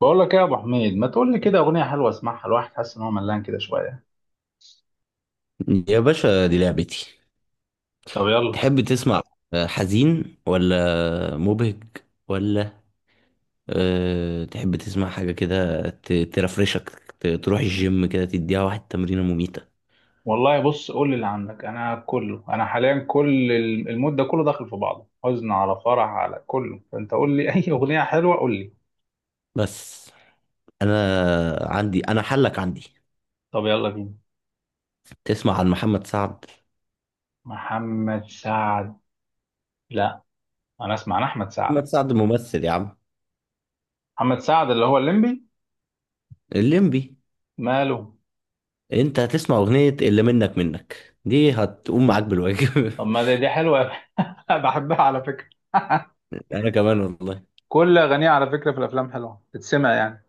بقول لك ايه يا ابو حميد؟ ما تقول لي كده اغنيه حلوه اسمعها، الواحد حاسس ان هو ملان كده شويه. يا باشا، دي لعبتي. طب يلا. تحب تسمع حزين ولا مبهج؟ ولا تحب تسمع حاجة كده ترفرشك؟ تروح الجيم كده تديها واحد تمرينة مميتة. والله بص، قول لي اللي عندك. انا كله، انا حاليا كل المود ده كله داخل في بعضه، حزن على فرح على كله، فانت قول لي اي اغنيه حلوه، قول لي. بس أنا عندي، أنا حلك عندي. طب يلا بينا. تسمع عن محمد سعد؟ محمد سعد؟ لا، انا اسمع عن احمد سعد. محمد سعد ممثل يا عم. محمد سعد اللي هو الليمبي؟ الليمبي. ماله؟ أنت هتسمع أغنية اللي منك منك دي، هتقوم معاك بالواجب. طب ما دي، دي حلوه بحبها على فكره أنا كمان والله. كل اغانيه على فكره في الافلام حلوه تتسمع يعني.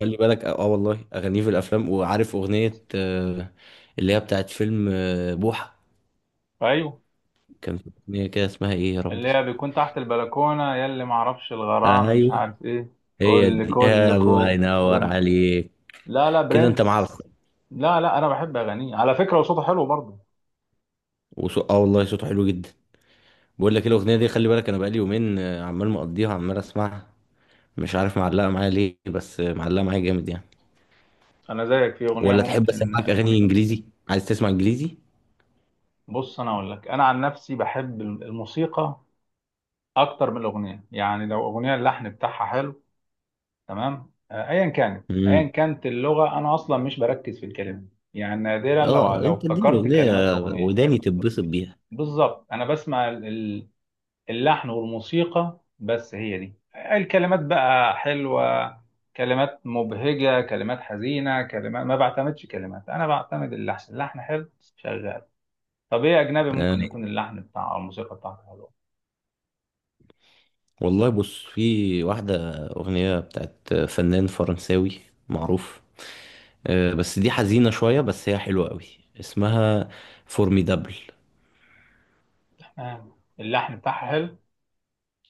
خلي بالك والله اغانيه في الافلام، وعارف اغنيه اللي هي بتاعت فيلم بوحه. ايوه، كان في اغنيه كده اسمها ايه يا اللي ربي. هي بيكون تحت البلكونة، يا اللي معرفش الغرام مش ايوه، عارف ايه. هي قول دي. آه الله لكلكم ينور وانت. عليك. لا لا، كده انت مع برنس. الخ. لا لا، انا بحب اغانيه على فكرة، وصوته حلو برضه. اه والله صوته حلو جدا. بقول لك إيه؟ الاغنيه دي خلي بالك، انا بقالي يومين عمال مقضيها، عمال اسمعها. مش عارف معلقه معايا ليه، بس معلقه معايا جامد يعني. انا زيك في اغنية ولا تحب ممكن. اسمعك اغاني انجليزي؟ عايز تسمع انجليزي؟ بص انا اقول لك، انا عن نفسي بحب الموسيقى اكتر من الاغنية. يعني لو اغنية اللحن بتاعها حلو، تمام. ايا كانت امم. اللغة، انا اصلا مش بركز في الكلمة. يعني نادرا لو اه لو انت اديني افتكرت اغنيه كلمات اغنية. وداني تتبسط بيها. بالظبط، انا بسمع اللحن والموسيقى بس، هي دي. الكلمات بقى حلوة، كلمات مبهجة، كلمات حزينة، كلمات، ما بعتمدش كلمات. أنا بعتمد اللحن، اللحن حلو، شغال. طب إيه، أجنبي آه. ممكن يكون اللحن بتاع أو الموسيقى بتاعته حلوة. والله بص، في واحدة أغنية بتاعت فنان فرنساوي معروف، بس دي حزينة شوية، بس هي حلوة قوي. اسمها فورميدابل. اللحن بتاعها حلو.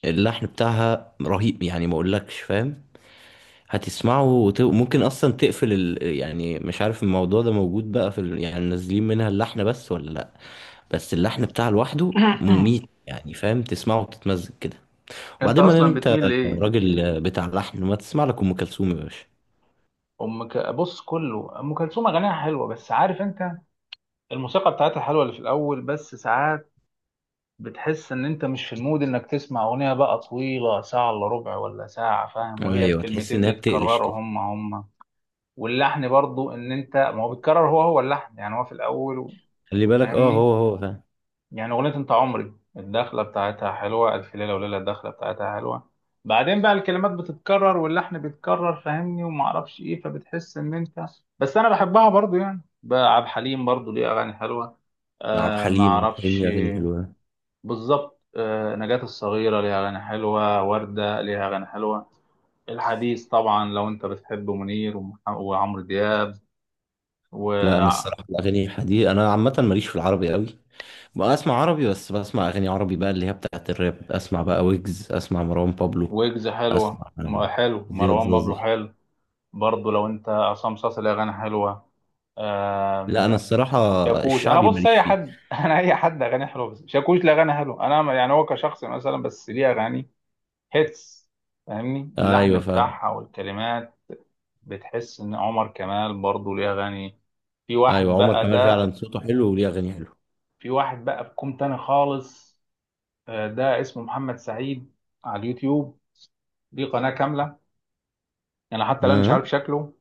اللحن بتاعها رهيب يعني، ما اقولكش، فاهم؟ ممكن اصلا تقفل يعني مش عارف الموضوع ده موجود بقى في يعني نازلين منها اللحن بس ولا لا؟ بس اللحن بتاعها لوحده مميت يعني، فاهم؟ تسمعه وتتمزج كده. أنت وبعدين ما دام أصلا انت بتميل لإيه؟ راجل بتاع لحن، ما تسمع لك ام كلثوم يا باشا. أم ك... بص، كله أم كلثوم أغانيها حلوة بس عارف أنت، الموسيقى بتاعتها حلوة اللي في الأول، بس ساعات بتحس ان انت مش في المود انك تسمع اغنية بقى طويلة، ساعة الا ربع ولا ساعة، فاهم؟ وهي ايوه، تحس الكلمتين انها بتقلش بيتكرروا كده. هم هم، واللحن برضو ان انت ما هو بيتكرر هو هو اللحن، يعني هو في الاول خلي بالك اه، فاهمني؟ هو هو، فاهم؟ يعني اغنية انت عمري الدخلة بتاعتها حلوة، الف ليلة وليلة الدخلة بتاعتها حلوة. بعدين بقى الكلمات بتتكرر واللحن بيتكرر، فاهمني؟ وما اعرفش ايه، فبتحس ان انت. بس انا بحبها برضو. يعني بقى عبد الحليم برضو ليه اغاني حلوة. عبد ما الحليم، عبد الحليم اعرفش. ليه اغاني حلوه. بالظبط. نجاة الصغيرة ليها أغاني حلوة، وردة ليها أغاني حلوة. الحديث طبعا لو أنت بتحب منير وعمرو دياب لا، وويجز. انا الصراحه الاغاني دي انا عامه ماليش في العربي قوي. بقى اسمع عربي، بس بسمع اغاني عربي بقى اللي هي بتاعت الراب. اسمع بقى ويجز، اسمع مروان بابلو، حلوة اسمع حلو زياد مروان بابلو زازا. حلو. برضه لو أنت عصام صاصا ليه أغاني حلوة. لا، آم، انا الصراحه شاكوش، أنا الشعبي بص ماليش أي فيه. حد أنا أي حد أغاني حلوة، بس شاكوش ليه أغاني حلوة أنا يعني هو كشخص مثلا، بس ليه أغاني هيتس، فاهمني؟ اللحن ايوه فاهم. بتاعها والكلمات. بتحس ان عمر كمال برضه ليه اغاني. في واحد ايوه، عمر بقى كمال ده، فعلا صوته حلو وليه اغاني حلوه. في واحد بقى بكم تاني خالص، ده اسمه محمد سعيد على اليوتيوب. ليه قناة كاملة، انا حتى الان مش آه. عارف شكله.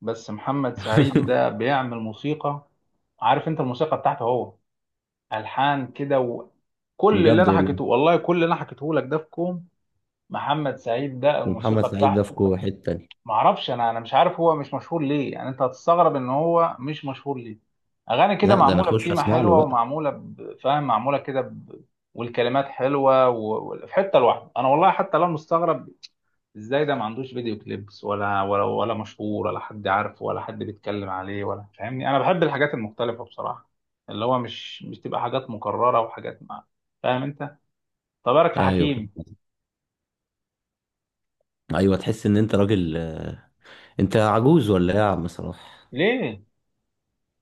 بس محمد سعيد ده بيعمل موسيقى. عارف انت الموسيقى بتاعته هو، الحان كده، وكل اللي بجد انا والله. حكيته، والله كل اللي انا حكيته لك ده في كوم، محمد سعيد ده ومحمد الموسيقى سعيد ده في بتاعته. حته تانيه. ما اعرفش انا مش عارف هو مش مشهور ليه، يعني انت هتستغرب ان هو مش مشهور ليه. اغاني كده لا، ده انا معموله اخش بتيمه اسمع له حلوه، بقى. ومعموله فاهم، معموله كده ب... والكلمات حلوه في حته لوحده. انا والله حتى لو مستغرب ازاي ده ما عندوش فيديو كليبس، ولا ولا ولا مشهور ولا حد عارفه ولا حد بيتكلم عليه ولا. فاهمني؟ انا بحب الحاجات المختلفه بصراحه، اللي هو مش تبقى حاجات مكرره، وحاجات مع، فاهم انت. طب بالك في ايوه. حكيم. ايوه، تحس ان انت راجل انت عجوز ولا ايه يا عم صلاح؟ ليه؟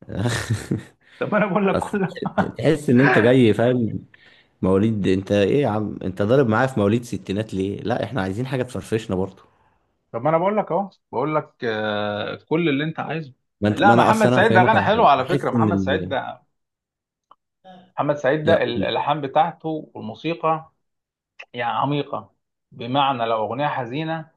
طب انا بقول لك أصل كل، تحس ان انت جاي، فاهم؟ مواليد انت ايه يا عم؟ انت ضارب معايا في مواليد ستينات ليه؟ لا احنا عايزين حاجه تفرفشنا برضه. طب ما انا بقول لك اهو، بقول لك كل اللي انت عايزه. ما انت لا، ما انا اصل محمد انا سعيد ده هفهمك غنى على حلو حاجه، على فكره. بحس ان محمد سعيد ده، محمد سعيد ده لا قول. الالحان بتاعته والموسيقى يعني عميقه. بمعنى لو اغنيه حزينه،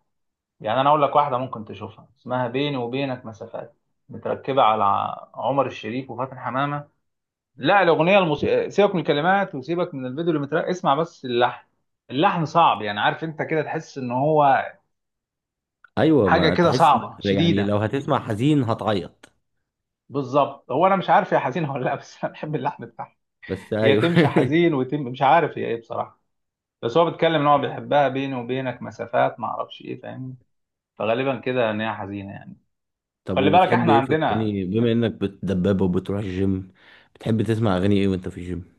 يعني انا اقول لك واحده ممكن تشوفها اسمها بيني وبينك مسافات، متركبه على عمر الشريف وفاتن حمامه. لا الاغنيه الموسيقى، سيبك من الكلمات وسيبك من الفيديو اللي متركب، اسمع بس اللحن. اللحن صعب، يعني عارف انت كده تحس ان هو ايوه، حاجه ما كده تحس صعبه انك يعني لو شديده. هتسمع حزين هتعيط. بالظبط، هو انا مش عارف هي حزينه ولا لا، بس انا بحب اللحن بتاعها. بس هي ايوه. تمشي حزين، وتم مش عارف هي ايه بصراحه، بس هو بيتكلم ان هو بيحبها، بيني وبينك مسافات ما اعرفش ايه، فاهمني؟ فغالبا كده ان هي حزينه يعني. طب خلي بالك وبتحب احنا ايه في عندنا الاغاني، بما انك بتدبب وبتروح الجيم؟ بتحب تسمع اغاني ايه وانت في الجيم؟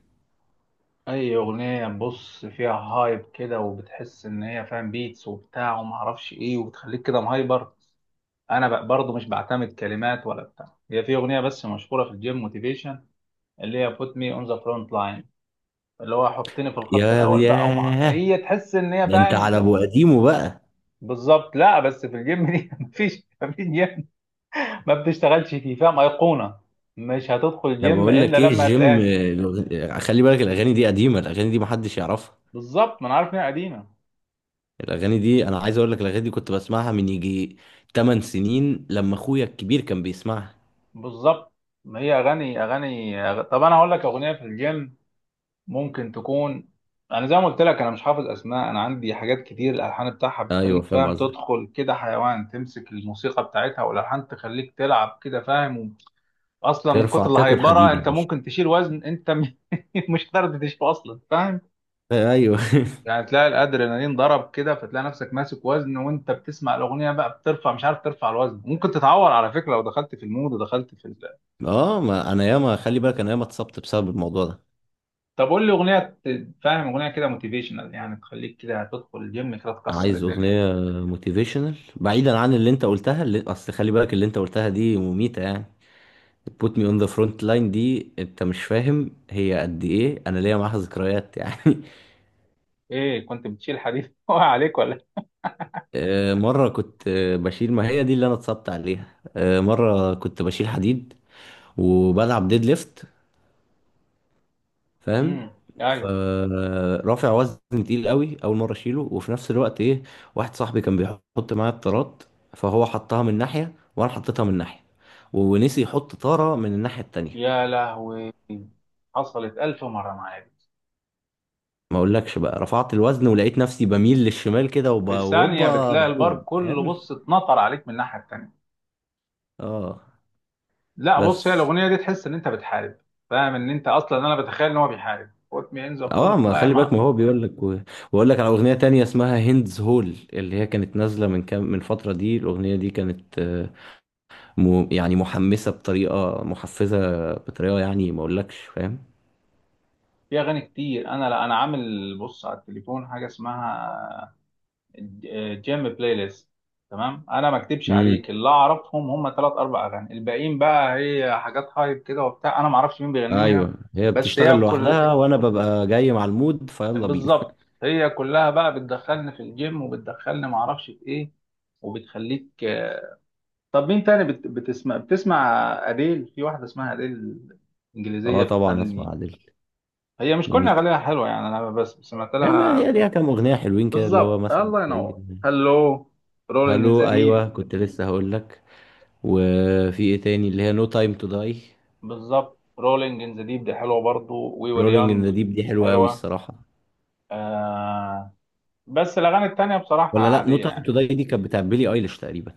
اي اغنيه بص فيها هايب كده، وبتحس ان هي فاهم بيتس وبتاع وما اعرفش ايه، وبتخليك كده مهايبر. انا برضه مش بعتمد كلمات ولا بتاع. هي في اغنيه بس مشهوره في الجيم، موتيفيشن، اللي هي put me on the front line، اللي هو حطني في الخط يا الاول بقى، ومع ياه، هي تحس ان هي ده انت على فاهم. ابو قديمه بقى. بالظبط. لا بس في الجيم دي مفيش جيم ما بتشتغلش فيه، فاهم، ايقونه، مش هتدخل انا جيم بقول الا لك ايه لما الجيم هتلاقيها. خلي بالك الاغاني دي قديمه، الاغاني دي محدش يعرفها، بالظبط، ما انا عارف ان هي قديمه. الاغاني دي انا عايز اقول لك الاغاني دي كنت بسمعها من يجي 8 سنين لما اخويا الكبير كان بيسمعها. بالظبط، ما هي اغاني اغاني طب انا هقول لك اغنيه في الجيم ممكن تكون، انا زي ما قلت لك انا مش حافظ اسماء، انا عندي حاجات كتير الالحان بتاعها ايوه بتخليك فاهم فاهم قصدك. تدخل كده حيوان، تمسك الموسيقى بتاعتها والالحان تخليك تلعب كده، فاهم. اصلا من ترفع كتر تاكل الهيبره حديد يا انت باشا. ممكن تشيل وزن انت مش قادر تشيله اصلا، فاهم. ايوه. يعني تلاقي الادرينالين ضرب كده، فتلاقي نفسك ماسك وزن وانت بتسمع الاغنيه بقى، بترفع مش عارف ترفع الوزن، ممكن تتعور على فكره لو دخلت في المود ودخلت في ال... اه، ما انا ياما خلي بالك، انا ياما اتصبت بسبب الموضوع ده. طب قول لي اغنيه فاهم، اغنيه كده موتيفيشنال يعني تخليك كده تدخل الجيم كده تكسر عايز الدنيا. اغنيه موتيفيشنال بعيدا عن اللي انت قلتها، اللي اصل خلي بالك اللي انت قلتها دي مميته يعني. put me on the front line دي، انت مش فاهم هي قد ايه، انا ليا معاها ذكريات يعني. ايه، كنت بتشيل حديد وقع عليك ولا؟ مرة كنت بشيل، ما هي دي اللي أنا اتصبت عليها. مرة كنت بشيل حديد وبلعب ديد ليفت، فاهم؟ امم ايوه. فرافع وزن تقيل قوي، أول مرة أشيله. وفي نفس الوقت إيه، واحد صاحبي كان بيحط معايا الطارات، فهو حطها من ناحية وأنا حطيتها من ناحية، ونسي يحط طارة من الناحية التانية. يا لهوي، حصلت ألف مرة معايا دي. ما أقولكش بقى، رفعت الوزن ولقيت نفسي بميل للشمال كده في ثانية وهوبا بتلاقي البار بقوم، كله فاهم؟ بص اتنطر عليك من الناحية التانية. اه. لا بص، هي بس الاغنيه دي تحس ان انت بتحارب، فاهم ان انت اصلا، انا بتخيل ان هو بيحارب، put me in the اه، front ما خلي بالك، line. ما هو بيقول لك وأقول لك على أغنية تانية اسمها هندز هول، اللي هي كانت نازلة من كام، من فترة دي. الأغنية دي كانت يعني محمسة بطريقة محفزة، بطريقة يعني ما أقولكش، فاهم؟ في اغاني كتير انا، لا انا عامل بص على التليفون حاجه اسمها جيم بلاي ليست، تمام. انا ما اكدبش امم. عليك، اللي اعرفهم هم ثلاث اربع اغاني، الباقيين بقى هي حاجات هايب كده وبتاع، انا ما اعرفش مين بيغنيها. ايوه، هي بس بتشتغل هي كل، لوحدها وانا ببقى جاي مع المود، فيلا بينا. بالظبط، هي كلها بقى بتدخلني في الجيم وبتدخلني ما اعرفش في ايه، وبتخليك. طب مين تاني بت... بتسمع بتسمع؟ أديل. في واحدة اسمها أديل، اه إنجليزية طبعا، اسمع بتغني. عادل. هي مش كل مميتة. أغانيها حلوة يعني، أنا بس سمعت هي لها. هي ليها كام اغنيه حلوين كده، اللي هو بالظبط، مثلا الله زي ينور، هلو، رولينج إن ذا هالو. ديب. ايوه، كنت لسه هقول لك. وفي ايه تاني؟ اللي هي نو تايم تو داي. بالظبط، رولينج إن ذا ديب دي حلوة برضو، وي وير رولينج ان يونج ذا ديب دي حلوه قوي حلوة. الصراحه. آه... بس الأغاني التانية بصراحة ولا لا، نو عادية تايم يعني. تو داي دي كانت بتاع بيلي ايليش تقريبا.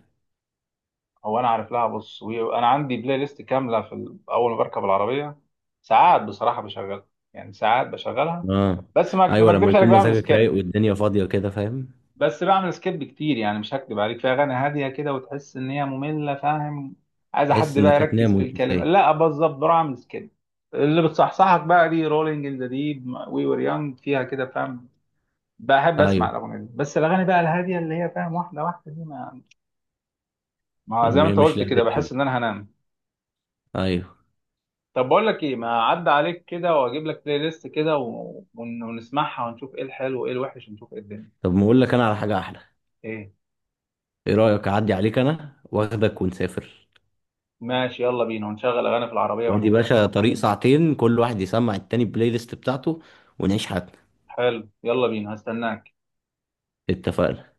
هو أنا عارف لها بص، أنا عندي بلاي ليست كاملة في ال... أول ما بركب العربية ساعات بصراحة بشغلها، يعني ساعات بشغلها، اه. بس ما ايوه لما أكدبش عليك يكون بعمل مزاجك رايق سكيب. والدنيا فاضيه كده، فاهم؟ بس بعمل سكيب كتير يعني، مش هكدب عليك في اغاني هاديه كده وتحس ان هي ممله، فاهم، عايزه تحس حد بقى انك يركز هتنام في وانت الكلمه، سايق. لا بالظبط بروح اعمل سكيب. اللي بتصحصحك بقى دي رولينج ان ذا ديب، وي وير يونج، فيها كده فاهم. بحب ايوه. اسمع الاغاني دي بس. الاغاني بقى الهاديه اللي هي فاهم واحده واحده دي ما انا زي ما انت مش قلت كده لعبتك بحس دي. ان انا هنام. ايوه. طب بقول لك ايه، ما اعدي عليك كده واجيب لك بلاي ليست كده ونسمعها ونشوف ايه الحلو وايه الوحش ونشوف ايه الدنيا. طب ما اقول لك انا على حاجه احلى. ايه؟ ايه رايك اعدي عليك انا واخدك ونسافر؟ ماشي يلا بينا، ونشغل اغاني في العربيه وادي ونعيش. باشا طريق ساعتين، كل واحد يسمع التاني البلاي ليست بتاعته، ونعيش حياتنا. حلو يلا بينا، هستناك. اتفقنا. يلا.